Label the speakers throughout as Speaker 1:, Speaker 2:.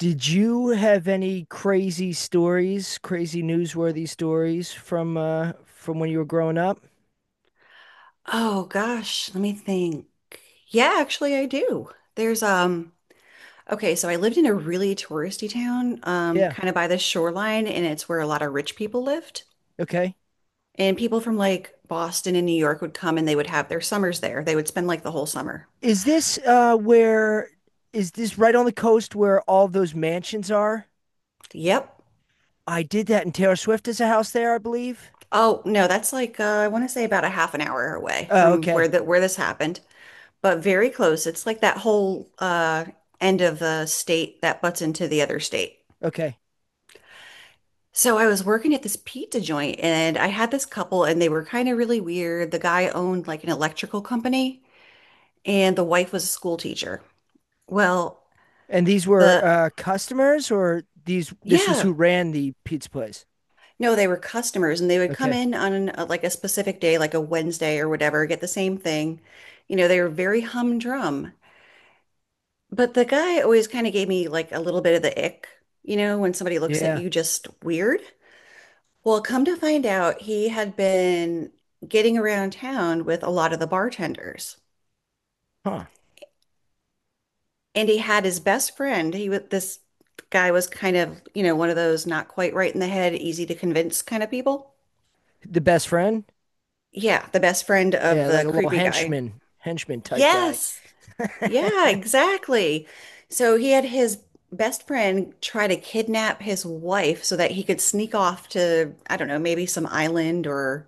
Speaker 1: Did you have any crazy stories, crazy newsworthy stories from when you were growing up?
Speaker 2: Oh gosh, let me think. Yeah, actually I do. There's okay, so I lived in a really touristy town,
Speaker 1: Yeah.
Speaker 2: kind of by the shoreline, and it's where a lot of rich people lived.
Speaker 1: Okay.
Speaker 2: And people from like Boston and New York would come and they would have their summers there. They would spend like the whole summer.
Speaker 1: Is this uh where is this right on the coast where all those mansions are?
Speaker 2: Yep.
Speaker 1: I did that and Taylor Swift has a house there, I believe.
Speaker 2: Oh no, that's like I want to say about a half an hour away
Speaker 1: Oh,
Speaker 2: from
Speaker 1: okay.
Speaker 2: where this happened, but very close. It's like that whole end of the state that butts into the other state.
Speaker 1: Okay.
Speaker 2: So I was working at this pizza joint and I had this couple and they were kind of really weird. The guy owned like an electrical company and the wife was a school teacher. Well,
Speaker 1: And these were
Speaker 2: the
Speaker 1: customers, or these this was
Speaker 2: yeah,
Speaker 1: who ran the pizza place?
Speaker 2: no, they were customers and they would come
Speaker 1: Okay.
Speaker 2: in on like a specific day, like a Wednesday or whatever, get the same thing. You know, they were very humdrum. But the guy always kind of gave me like a little bit of the ick, you know, when somebody looks at
Speaker 1: Yeah.
Speaker 2: you just weird. Well, come to find out, he had been getting around town with a lot of the bartenders.
Speaker 1: Huh.
Speaker 2: And he had his best friend. He was this guy was kind of, you know, one of those not quite right in the head, easy to convince kind of people.
Speaker 1: The best friend?
Speaker 2: Yeah, the best friend of
Speaker 1: Yeah, like
Speaker 2: the
Speaker 1: a little
Speaker 2: creepy guy.
Speaker 1: henchman, henchman type guy.
Speaker 2: Yes. Yeah, exactly. So he had his best friend try to kidnap his wife so that he could sneak off to, I don't know, maybe some island or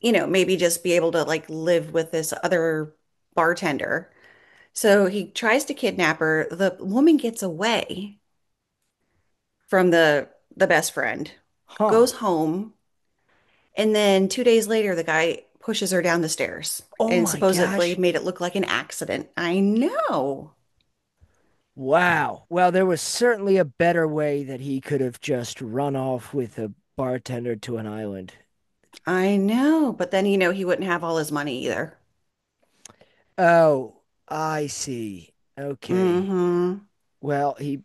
Speaker 2: you know, maybe just be able to like live with this other bartender. So he tries to kidnap her. The woman gets away from the best friend,
Speaker 1: Huh.
Speaker 2: goes home, and then 2 days later, the guy pushes her down the stairs
Speaker 1: Oh
Speaker 2: and
Speaker 1: my
Speaker 2: supposedly
Speaker 1: gosh.
Speaker 2: made it look like an accident.
Speaker 1: Wow. Well, there was certainly a better way that he could have just run off with a bartender to an island.
Speaker 2: I know, but then you know he wouldn't have all his money either.
Speaker 1: Oh, I see. Okay.
Speaker 2: Mm-hmm.
Speaker 1: Well, he,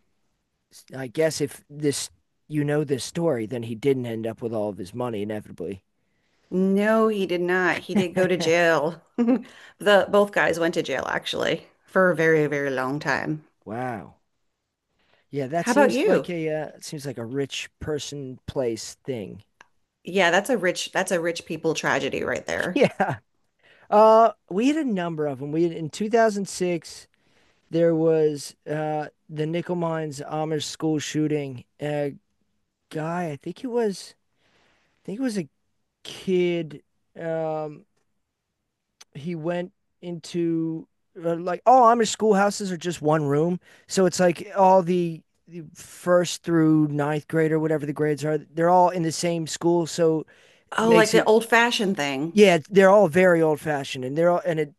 Speaker 1: I guess if you know this story, then he didn't end up with all of his money inevitably.
Speaker 2: No, he did not. He did go to jail. The both guys went to jail actually for a very, very long time.
Speaker 1: Wow. Yeah, that
Speaker 2: How about
Speaker 1: seems like
Speaker 2: you?
Speaker 1: a it seems like a rich person place thing.
Speaker 2: Yeah, that's a rich people tragedy right there.
Speaker 1: Yeah. We had a number of them. We had in 2006. There was the Nickel Mines Amish school shooting. A guy, I think it was a kid. Um, he went into like all Amish schoolhouses are just one room, so it's like all the first through ninth grade, or whatever the grades are. They're all in the same school, so it
Speaker 2: Oh, like
Speaker 1: makes
Speaker 2: the
Speaker 1: it
Speaker 2: old-fashioned thing.
Speaker 1: yeah. They're all very old fashioned, and they're all and it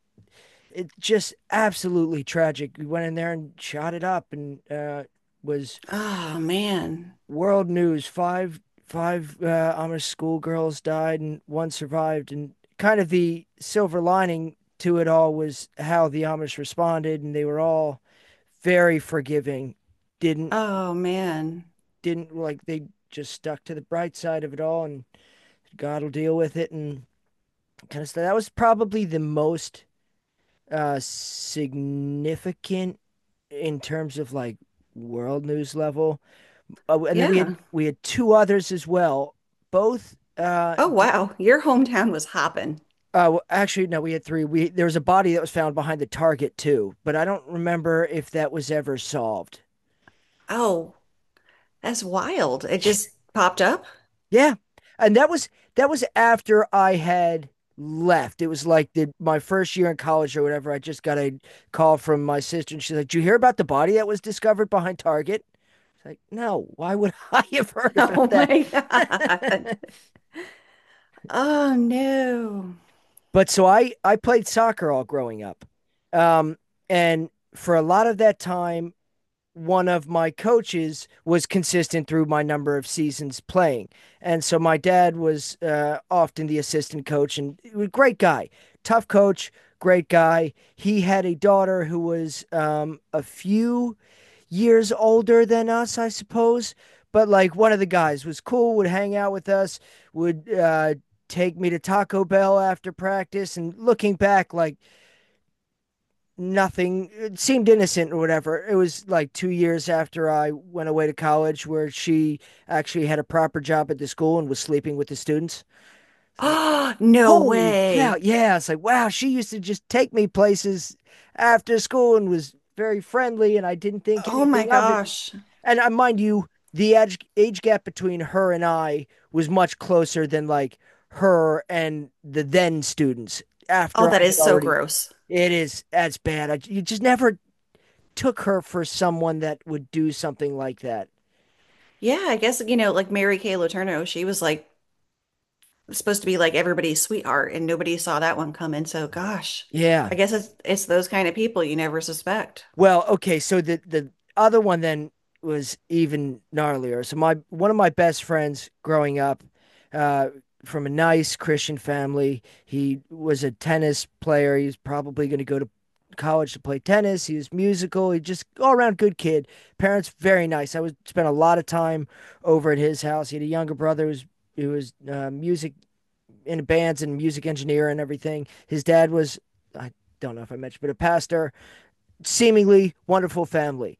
Speaker 1: it just absolutely tragic. We went in there and shot it up, and was
Speaker 2: Oh man.
Speaker 1: world news. Five Amish schoolgirls died and one survived, and kind of the silver lining to it all was how the Amish responded, and they were all very forgiving. Didn't
Speaker 2: Oh man.
Speaker 1: didn't like they just stuck to the bright side of it all, and God will deal with it, and kind of stuff. That was probably the most significant in terms of like world news level. Oh, and then we
Speaker 2: Yeah.
Speaker 1: had we had two others as well. Both, uh,
Speaker 2: Oh
Speaker 1: d-
Speaker 2: wow. Your hometown was hopping.
Speaker 1: Actually, no, we had three. We There was a body that was found behind the Target too, but I don't remember if that was ever solved.
Speaker 2: Oh, that's wild. It just popped up.
Speaker 1: Yeah, and that was after I had left. It was like the my first year in college or whatever. I just got a call from my sister, and she's like, "Did you hear about the body that was discovered behind Target?" It's like, no, why would I have heard about
Speaker 2: Oh
Speaker 1: that?
Speaker 2: my God. Oh no.
Speaker 1: But so I played soccer all growing up, um, and for a lot of that time, one of my coaches was consistent through my number of seasons playing, and so my dad was often the assistant coach, and he was a great guy, tough coach, great guy. He had a daughter who was a few years older than us, I suppose. But like one of the guys, was cool, would hang out with us, would take me to Taco Bell after practice. And looking back, like nothing it seemed innocent or whatever. It was like 2 years after I went away to college where she actually had a proper job at the school and was sleeping with the students. It's like,
Speaker 2: Oh, no
Speaker 1: holy cow.
Speaker 2: way.
Speaker 1: Yeah. It's like, wow, she used to just take me places after school and was very friendly. And I didn't think
Speaker 2: Oh my
Speaker 1: anything of it,
Speaker 2: gosh.
Speaker 1: and mind you, the age gap between her and I was much closer than like her and the then students.
Speaker 2: Oh,
Speaker 1: After I
Speaker 2: that
Speaker 1: had
Speaker 2: is so
Speaker 1: already,
Speaker 2: gross.
Speaker 1: It is as bad. You just never took her for someone that would do something like that.
Speaker 2: Yeah, I guess, you know, like Mary Kay Letourneau, she was like supposed to be like everybody's sweetheart, and nobody saw that one coming. So, gosh,
Speaker 1: Yeah.
Speaker 2: I guess it's those kind of people you never suspect.
Speaker 1: Well, okay, so the other one then was even gnarlier. So my one of my best friends growing up, uh, from a nice Christian family, he was a tennis player. He was probably going to go to college to play tennis. He was musical. He just all around good kid. Parents very nice. I would spend a lot of time over at his house. He had a younger brother who was music in bands, and music engineer and everything. His dad was, I don't know if I mentioned, but a pastor, seemingly wonderful family.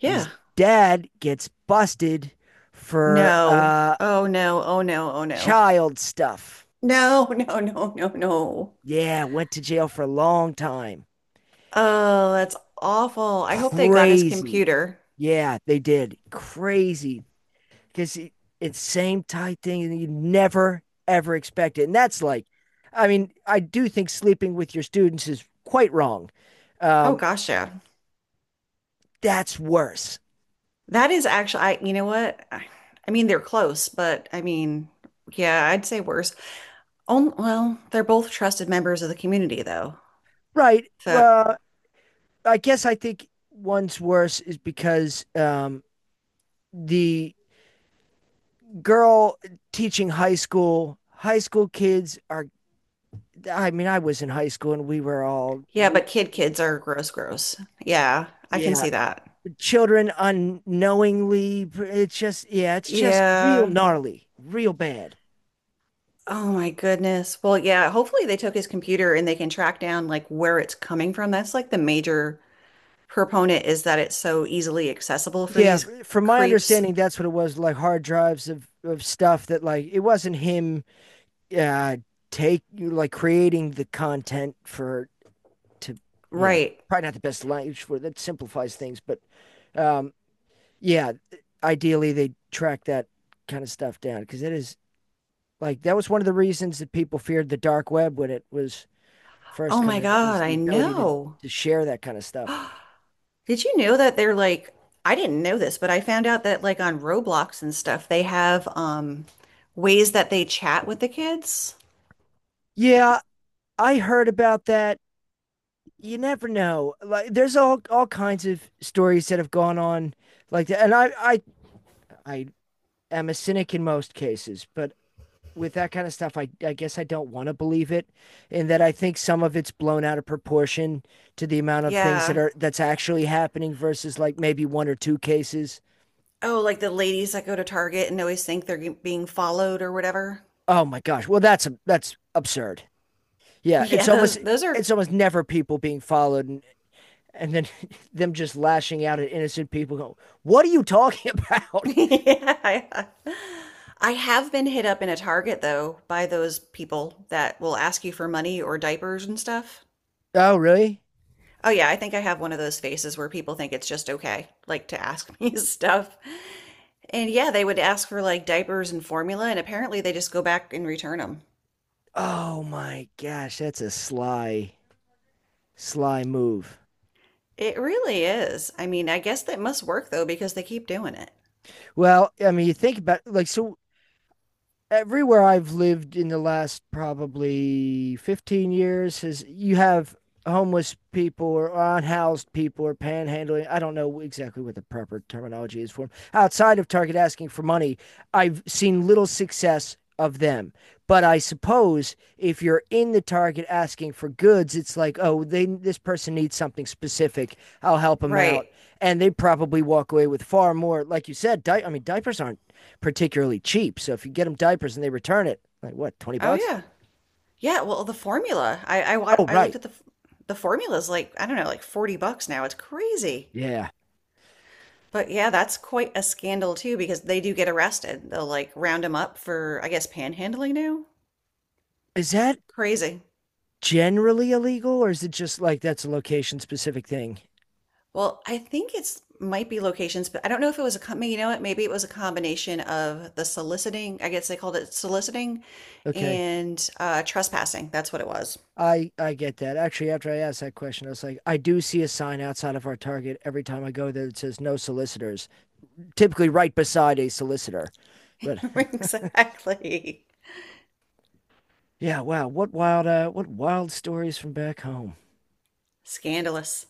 Speaker 2: Yeah.
Speaker 1: dad gets busted for
Speaker 2: No. Oh no. Oh no. Oh no.
Speaker 1: child stuff.
Speaker 2: No, no, no, no, no.
Speaker 1: Yeah, went to jail for a long time.
Speaker 2: Oh, that's awful. I hope they got his
Speaker 1: Crazy.
Speaker 2: computer.
Speaker 1: Yeah, they did. Crazy. Because it's same type thing and you never, ever expect it. And that's like, I mean, I do think sleeping with your students is quite wrong.
Speaker 2: Oh
Speaker 1: Um,
Speaker 2: gosh, yeah.
Speaker 1: that's worse.
Speaker 2: That is actually I you know what? I mean they're close, but I mean, yeah, I'd say worse. On, well, they're both trusted members of the community, though.
Speaker 1: Right.
Speaker 2: So,
Speaker 1: Well, I guess I think one's worse is because the girl teaching high school. High school kids are, I mean, I was in high school and we were all,
Speaker 2: yeah, but kids are gross, gross. Yeah, I can
Speaker 1: yeah,
Speaker 2: see that.
Speaker 1: children unknowingly. It's just, yeah, it's just real
Speaker 2: Yeah.
Speaker 1: gnarly, real bad.
Speaker 2: Oh my goodness. Well, yeah, hopefully they took his computer and they can track down like where it's coming from. That's like the major proponent is that it's so easily accessible for
Speaker 1: Yeah,
Speaker 2: these
Speaker 1: from my
Speaker 2: creeps.
Speaker 1: understanding, that's what it was, like hard drives of stuff that, like, it wasn't him uh, take like creating the content to, yeah,
Speaker 2: Right.
Speaker 1: probably not the best language for that, simplifies things, but um, yeah, ideally they track that kind of stuff down because it is, like, that was one of the reasons that people feared the dark web when it was first
Speaker 2: Oh my
Speaker 1: coming out, was
Speaker 2: God,
Speaker 1: the
Speaker 2: I
Speaker 1: ability to
Speaker 2: know.
Speaker 1: share that kind of stuff.
Speaker 2: Did you know that they're like, I didn't know this, but I found out that like on Roblox and stuff, they have ways that they chat with the kids.
Speaker 1: Yeah, I heard about that. You never know. Like there's all kinds of stories that have gone on like that. And I am a cynic in most cases, but with that kind of stuff, I guess I don't want to believe it, and that I think some of it's blown out of proportion to the amount of things that
Speaker 2: Yeah.
Speaker 1: are that's actually happening versus like maybe one or two cases.
Speaker 2: Oh, like the ladies that go to Target and always think they're being followed or whatever.
Speaker 1: Oh my gosh, well that's absurd. Yeah,
Speaker 2: Yeah, those are
Speaker 1: it's almost never people being followed, and then them just lashing out at innocent people. Go, what are you talking about?
Speaker 2: Yeah. I have been hit up in a Target though by those people that will ask you for money or diapers and stuff.
Speaker 1: Oh really?
Speaker 2: Oh yeah, I think I have one of those faces where people think it's just okay, like to ask me stuff. And yeah, they would ask for like diapers and formula, and apparently they just go back and return them.
Speaker 1: Oh my gosh, that's a sly move.
Speaker 2: It really is. I mean, I guess that must work though because they keep doing it.
Speaker 1: Well, I mean, you think about like, so everywhere I've lived in the last probably 15 years, has, you have homeless people or unhoused people or panhandling. I don't know exactly what the proper terminology is for them. Outside of Target asking for money, I've seen little success of them. But I suppose if you're in the Target asking for goods, it's like, oh, they this person needs something specific. I'll help them out.
Speaker 2: Right.
Speaker 1: And they probably walk away with far more, like you said, I mean, diapers aren't particularly cheap. So if you get them diapers and they return it, like what, 20
Speaker 2: Oh
Speaker 1: bucks?
Speaker 2: yeah. Yeah, well, the formula. I I wa-
Speaker 1: Oh,
Speaker 2: I
Speaker 1: right.
Speaker 2: looked at the formula's like, I don't know, like 40 bucks now. It's crazy.
Speaker 1: Yeah.
Speaker 2: But yeah, that's quite a scandal too because they do get arrested. They'll like round them up for, I guess, panhandling now.
Speaker 1: Is that
Speaker 2: Crazy.
Speaker 1: generally illegal, or is it just like that's a location specific thing?
Speaker 2: Well, I think it's might be locations, but I don't know if it was a com you know what, maybe it was a combination of the soliciting, I guess they called it soliciting
Speaker 1: Okay.
Speaker 2: and trespassing. That's what it was.
Speaker 1: I get that. Actually, after I asked that question, I was like, I do see a sign outside of our Target every time I go there that says no solicitors, typically right beside a solicitor. But
Speaker 2: Exactly.
Speaker 1: yeah, wow, what wild stories from back home.
Speaker 2: Scandalous.